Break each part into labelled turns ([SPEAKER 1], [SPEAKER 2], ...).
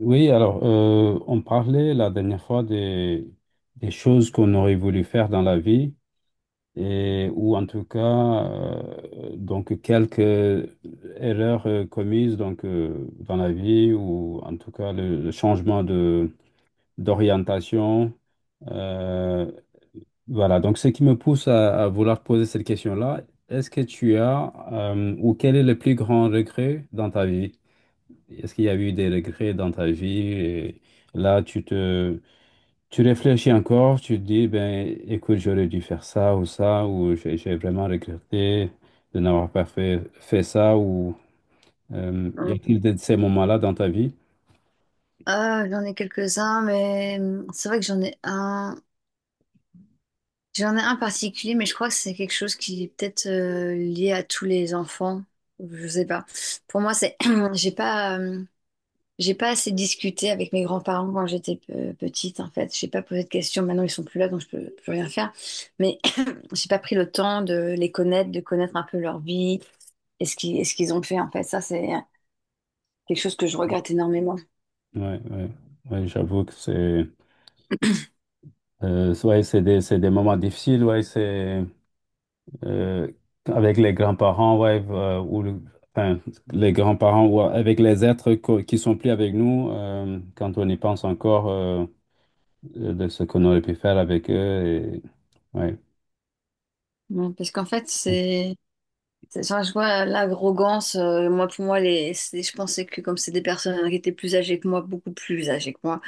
[SPEAKER 1] Oui, alors, on parlait la dernière fois des choses qu'on aurait voulu faire dans la vie, ou en tout cas, quelques erreurs commises, dans la vie, ou en tout cas, le changement d'orientation. Euh, voilà, donc ce qui me pousse à vouloir poser cette question-là, est-ce que tu as, ou quel est le plus grand regret dans ta vie? Est-ce qu'il y a eu des regrets dans ta vie? Et là, tu réfléchis encore, tu te dis, ben, écoute, j'aurais dû faire ça ou ça, ou j'ai vraiment regretté de n'avoir pas fait ça, ou y a-t-il
[SPEAKER 2] Hum,
[SPEAKER 1] de ces moments-là dans ta vie?
[SPEAKER 2] Ah, j'en ai quelques-uns, mais c'est vrai que j'en ai un. J'en ai un particulier, mais je crois que c'est quelque chose qui est peut-être lié à tous les enfants. Je sais pas. Pour moi, c'est j'ai pas hum, j'ai pas assez discuté avec mes grands-parents quand j'étais petite, en fait. J'ai pas posé de questions. Maintenant, ils sont plus là, donc je peux plus rien faire. Mais j'ai pas pris le temps de les connaître, de connaître un peu leur vie et ce qu'ils ont fait, en fait. Ça, c'est quelque chose que je regrette énormément.
[SPEAKER 1] Ouais, ouais, ouais, j'avoue que c'est, ouais, c'est des moments difficiles, ouais, c'est. euh, Avec les grands-parents, ouais, enfin, les grands-parents, ou avec les êtres qui sont plus avec nous, quand on y pense encore, de ce qu'on aurait pu faire avec eux. Et, ouais.
[SPEAKER 2] Parce qu'en fait, Genre, je vois l'arrogance. Moi, pour moi, je pensais que comme c'est des personnes qui étaient plus âgées que moi, beaucoup plus âgées que moi,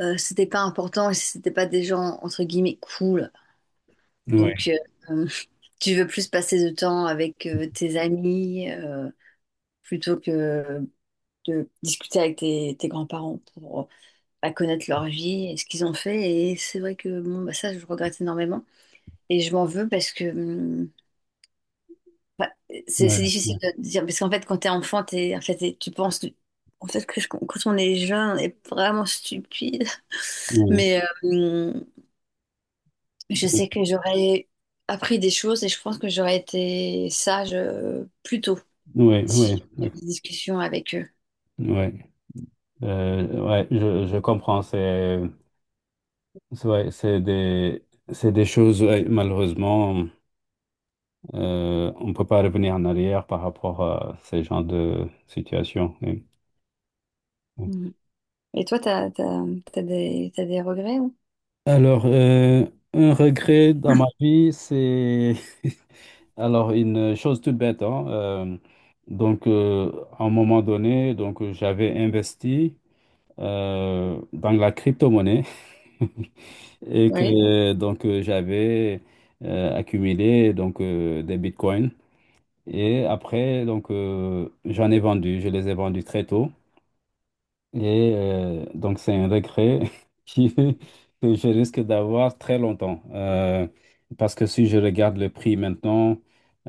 [SPEAKER 2] c'était pas important et c'était pas des gens entre guillemets cool.
[SPEAKER 1] Ouais,
[SPEAKER 2] Donc, tu veux plus passer de temps avec tes amis plutôt que de discuter avec tes grands-parents pour bah, connaître leur vie et ce qu'ils ont fait. Et c'est vrai que bon, bah, ça, je regrette énormément. Et je m'en veux parce que Bah, c'est
[SPEAKER 1] ouais, ouais,
[SPEAKER 2] difficile de dire, parce qu'en fait, quand t'es enfant, t'es, en fait, t'es- tu penses, en fait, quand on est jeune, on est vraiment stupide.
[SPEAKER 1] ouais,
[SPEAKER 2] Mais je sais que j'aurais appris des choses et je pense que j'aurais été sage plus tôt
[SPEAKER 1] ouais,
[SPEAKER 2] si
[SPEAKER 1] ouais,
[SPEAKER 2] j'avais
[SPEAKER 1] ouais,
[SPEAKER 2] eu des discussions avec eux.
[SPEAKER 1] ouais. Ouais, je comprends, ouais, c'est des choses, ouais, malheureusement, on ne peut pas revenir en arrière par rapport à ces genres de situations. Oui.
[SPEAKER 2] Mhm. Et toi, t'as des regrets? Ou
[SPEAKER 1] Alors, un regret dans ma vie, c'est alors une chose toute bête, hein, donc, euh, à un moment donné, donc j'avais investi dans la crypto-monnaie et
[SPEAKER 2] oui.
[SPEAKER 1] que j'avais accumulé des bitcoins et après j'en ai vendu, je les ai vendus très tôt. Et donc, c'est un regret qui- que je risque d'avoir très longtemps. Parce que si je regarde le prix maintenant,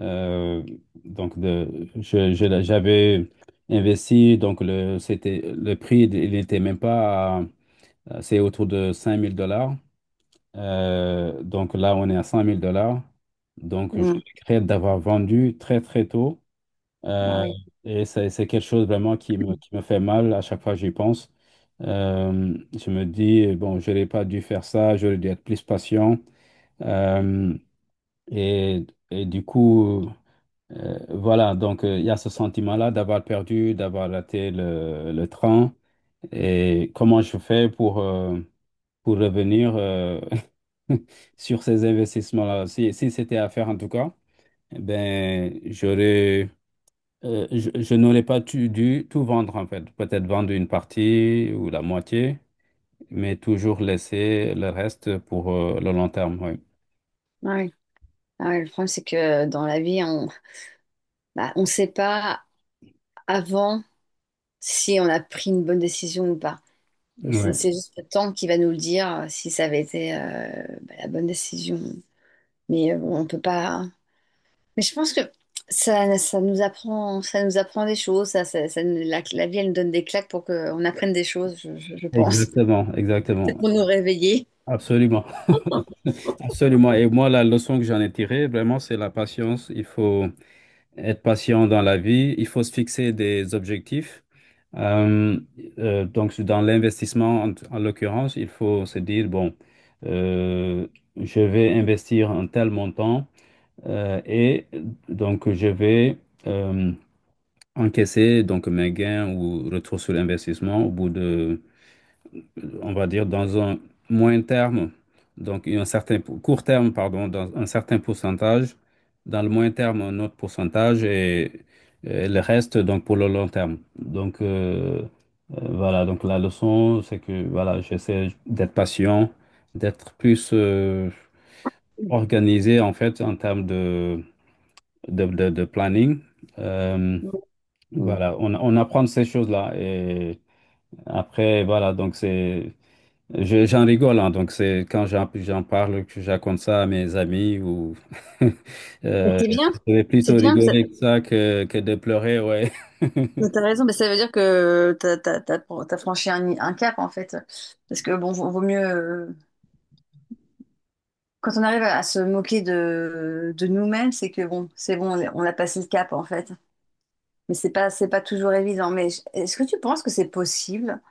[SPEAKER 1] euh, j'avais investi, c'était, le prix, il n'était même pas, c'est autour de 5 000 dollars. Donc là, on est à 100 000 dollars. Donc, je
[SPEAKER 2] Mhm.
[SPEAKER 1] regrette d'avoir vendu très, très tôt.
[SPEAKER 2] Ah
[SPEAKER 1] Euh,
[SPEAKER 2] oui.
[SPEAKER 1] et c'est quelque chose vraiment qui qui me fait mal à chaque fois que j'y pense. Je me dis, bon, je n'aurais pas dû faire ça, j'aurais dû être plus patient. Euh, et du coup, voilà, il y a ce sentiment-là d'avoir perdu, d'avoir raté le train. Et comment je fais pour revenir sur ces investissements-là? Si c'était à faire en tout cas, eh ben, j'aurais... Euh, je n'aurais pas dû tout vendre en fait. Peut-être vendre une partie ou la moitié, mais toujours laisser le reste pour le long terme. Oui.
[SPEAKER 2] Ah oui. Ah oui, le problème, c'est que dans la vie, on bah, on sait pas avant si on a pris une bonne décision ou pas. Et c'est
[SPEAKER 1] Ouais.
[SPEAKER 2] juste le temps qui va nous le dire si ça avait été bah, la bonne décision. Mais bon, on peut pas, hein. Mais je pense que ça nous apprend des choses. La, la vie, elle nous donne des claques pour qu'on apprenne des choses, je pense.
[SPEAKER 1] Exactement,
[SPEAKER 2] C'est
[SPEAKER 1] exactement.
[SPEAKER 2] pour nous réveiller.
[SPEAKER 1] Absolument. Absolument. Et moi, la leçon que j'en ai tirée, vraiment, c'est la patience. Il faut être patient dans la vie. Il faut se fixer des objectifs. Euh, donc, dans l'investissement, en l'occurrence, il faut se dire, bon, euh, je vais investir un tel montant. Et donc, je vais euh, encaisser donc mes gains ou retour sur l'investissement au bout de, on va dire, dans un moyen terme, donc un certain court terme, pardon, dans un certain pourcentage, dans le moyen terme, un autre pourcentage et le reste, donc, pour le long terme. Voilà, donc la leçon, c'est que, voilà, j'essaie d'être patient, d'être plus organisé, en fait, en termes de planning. Euh,
[SPEAKER 2] Mm. Mm.
[SPEAKER 1] voilà, on apprend de ces choses-là. Et après, voilà, donc c'est. J'en rigole, hein, donc c'est quand j'en parle, que je raconte ça à mes amis ou.
[SPEAKER 2] Mais
[SPEAKER 1] Euh,
[SPEAKER 2] c'est bien,
[SPEAKER 1] je vais plutôt
[SPEAKER 2] c'est bien.
[SPEAKER 1] rigoler que ça que de pleurer, ouais.
[SPEAKER 2] Mais t'as raison, mais ça veut dire que t'as franchi un cap en fait. Parce que bon, vaut mieux. Quand on arrive à se moquer de nous-mêmes, c'est que bon, c'est bon, on a passé le cap en fait. Mais c'est pas toujours évident. Est-ce que tu penses que c'est possible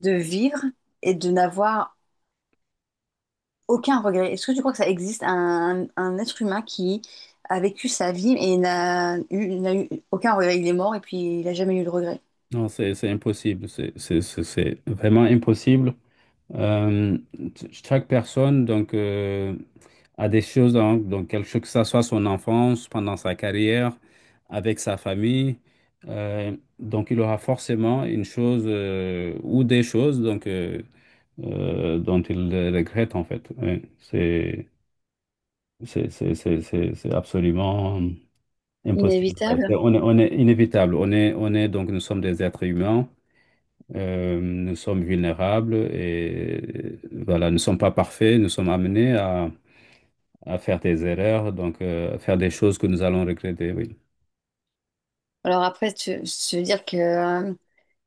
[SPEAKER 2] de vivre et de n'avoir aucun regret? Est-ce que tu crois que ça existe un être humain qui a vécu sa vie et n'a eu aucun regret? Il est mort et puis il n'a jamais eu de regret.
[SPEAKER 1] Non, c'est impossible, c'est vraiment impossible. Euh, Chaque personne a des choses, donc quelque chose que ça soit son enfance, pendant sa carrière, avec sa famille. Donc il aura forcément une chose ou des choses dont il regrette en fait. Ouais, c'est absolument impossible. Ouais, c'est-
[SPEAKER 2] Inévitable.
[SPEAKER 1] on est inévitable. On est donc nous sommes des êtres humains. Nous sommes vulnérables et, voilà, nous ne sommes pas parfaits, nous sommes amenés à faire des erreurs, à faire des choses que nous allons regretter, oui.
[SPEAKER 2] Alors après, je veux dire que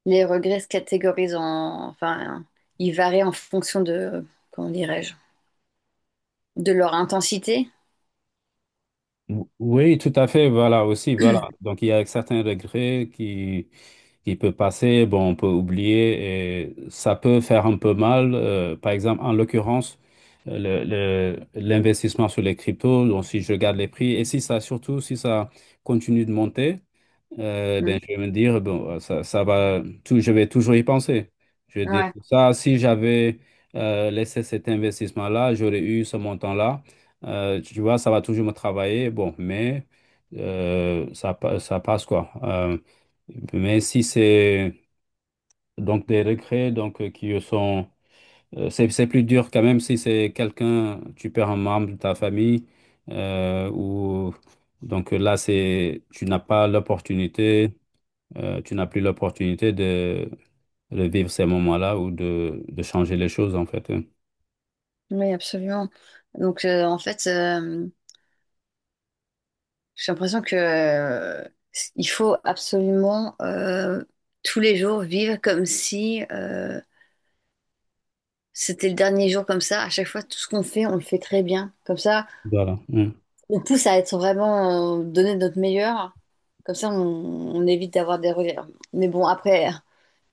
[SPEAKER 2] les regrets se catégorisent en… Enfin, ils varient en fonction de… Comment dirais-je? De leur intensité?
[SPEAKER 1] Oui, tout à fait, voilà aussi, voilà. Donc il y a certains regrets qui peuvent passer, bon, on peut oublier et ça peut faire un peu mal. Par exemple, en l'occurrence, euh, l'investissement sur les cryptos, donc si je garde les prix et si ça, surtout si ça continue de monter.
[SPEAKER 2] Hmm.
[SPEAKER 1] Ben, je vais me dire, bon, ça, ça va, tout, je vais toujours y penser. Je vais dire,
[SPEAKER 2] Ouais,
[SPEAKER 1] ça, si j'avais laissé cet investissement-là, j'aurais eu ce montant-là. Tu vois, ça va toujours me travailler. Bon, mais ça, ça passe quoi. Mais si c'est donc des regrets, qui sont. C'est plus dur quand même si c'est quelqu'un, tu perds un membre de ta famille, ou. Là, c'est, tu n'as pas l'opportunité, tu n'as plus l'opportunité de vivre ces moments-là ou de changer les choses, en fait. Hein.
[SPEAKER 2] oui, absolument. Donc, en fait, j'ai l'impression que il faut absolument tous les jours vivre comme si c'était le dernier jour comme ça. À chaque fois, tout ce qu'on fait, on le fait très bien. Comme ça,
[SPEAKER 1] Voilà. Hein.
[SPEAKER 2] on pousse à être vraiment donner notre meilleur. Comme ça, on évite d'avoir des regrets. Mais bon,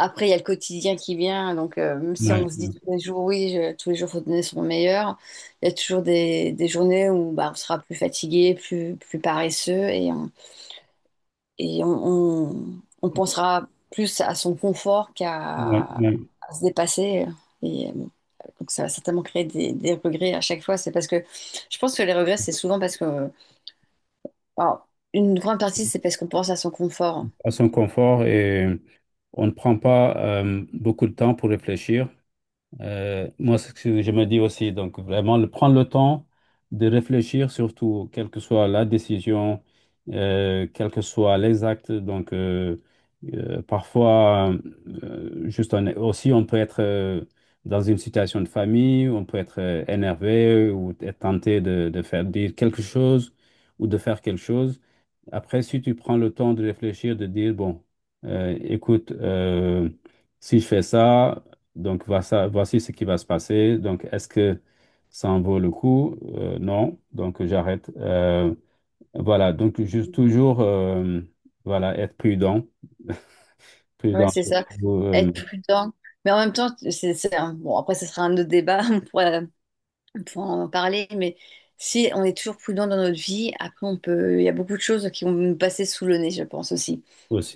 [SPEAKER 2] après, il y a le quotidien qui vient. Donc, même si
[SPEAKER 1] Ouais,
[SPEAKER 2] on se dit
[SPEAKER 1] ouais,
[SPEAKER 2] tous les jours, oui, tous les jours, faut donner son meilleur, il y a toujours des journées où bah, on sera plus fatigué, plus, plus paresseux et on- on pensera plus à son confort
[SPEAKER 1] ouais,
[SPEAKER 2] qu'à
[SPEAKER 1] ouais.
[SPEAKER 2] à se dépasser. Et bon, donc, ça va certainement créer des regrets à chaque fois. C'est parce que je pense que les regrets, c'est souvent parce que alors, une grande partie, c'est parce qu'on pense à son confort.
[SPEAKER 1] À son confort et on ne prend pas beaucoup de temps pour réfléchir. Moi, c'est ce que je me dis aussi, donc vraiment, prendre le temps de réfléchir, surtout, quelle que soit la décision, quel que soit les actes. Parfois, juste on est- aussi, on peut être dans une situation de famille, on peut être énervé ou être tenté de faire dire quelque chose ou de faire quelque chose. Après, si tu prends le temps de réfléchir, de dire, bon, écoute, si je fais ça, donc, voici ce qui va se passer. Donc, est-ce que ça en vaut le coup? Non. Donc, j'arrête. Voilà. Donc, juste toujours, voilà, être prudent.
[SPEAKER 2] Ouais,
[SPEAKER 1] Prudent,
[SPEAKER 2] c'est ça.
[SPEAKER 1] surtout,
[SPEAKER 2] Être prudent. Mais en même temps, c'est bon, après, ce sera un autre débat, on pourra en parler. Mais si on est toujours prudent dans notre vie, après, il y a beaucoup de choses qui vont nous passer sous le nez, je pense aussi.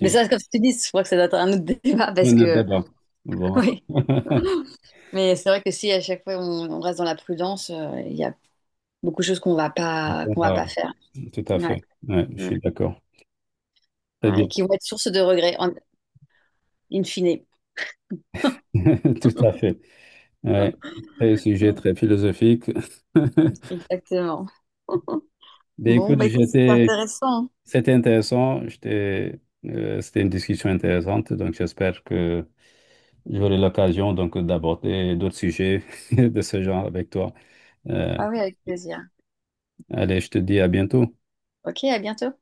[SPEAKER 2] Mais ça, comme je te dis, je crois que ça doit être un autre débat
[SPEAKER 1] Et
[SPEAKER 2] parce
[SPEAKER 1] le
[SPEAKER 2] que,
[SPEAKER 1] débat. Bon.
[SPEAKER 2] oui. Mais c'est vrai que si à chaque fois on reste dans la prudence, il y a beaucoup de choses qu'on va
[SPEAKER 1] Voilà.
[SPEAKER 2] pas faire.
[SPEAKER 1] Tout à
[SPEAKER 2] Ouais.
[SPEAKER 1] fait. Ouais, je
[SPEAKER 2] Mm.
[SPEAKER 1] suis d'accord. Très
[SPEAKER 2] Ouais, et
[SPEAKER 1] bien.
[SPEAKER 2] qui vont être source de regrets, en, in fine.
[SPEAKER 1] Tout à fait. Ouais. C'est un sujet
[SPEAKER 2] Mm.
[SPEAKER 1] très philosophique.
[SPEAKER 2] Exactement.
[SPEAKER 1] Ben,
[SPEAKER 2] Bon,
[SPEAKER 1] écoute,
[SPEAKER 2] bah écoute, c'est
[SPEAKER 1] j'étais,
[SPEAKER 2] intéressant, hein.
[SPEAKER 1] c'était intéressant. C'était une discussion intéressante. Donc, j'espère que j'aurai l'occasion donc d'aborder d'autres sujets de ce genre avec toi. Euh,
[SPEAKER 2] Ah oui, avec plaisir.
[SPEAKER 1] Allez, je te dis à bientôt.
[SPEAKER 2] Ok, à bientôt.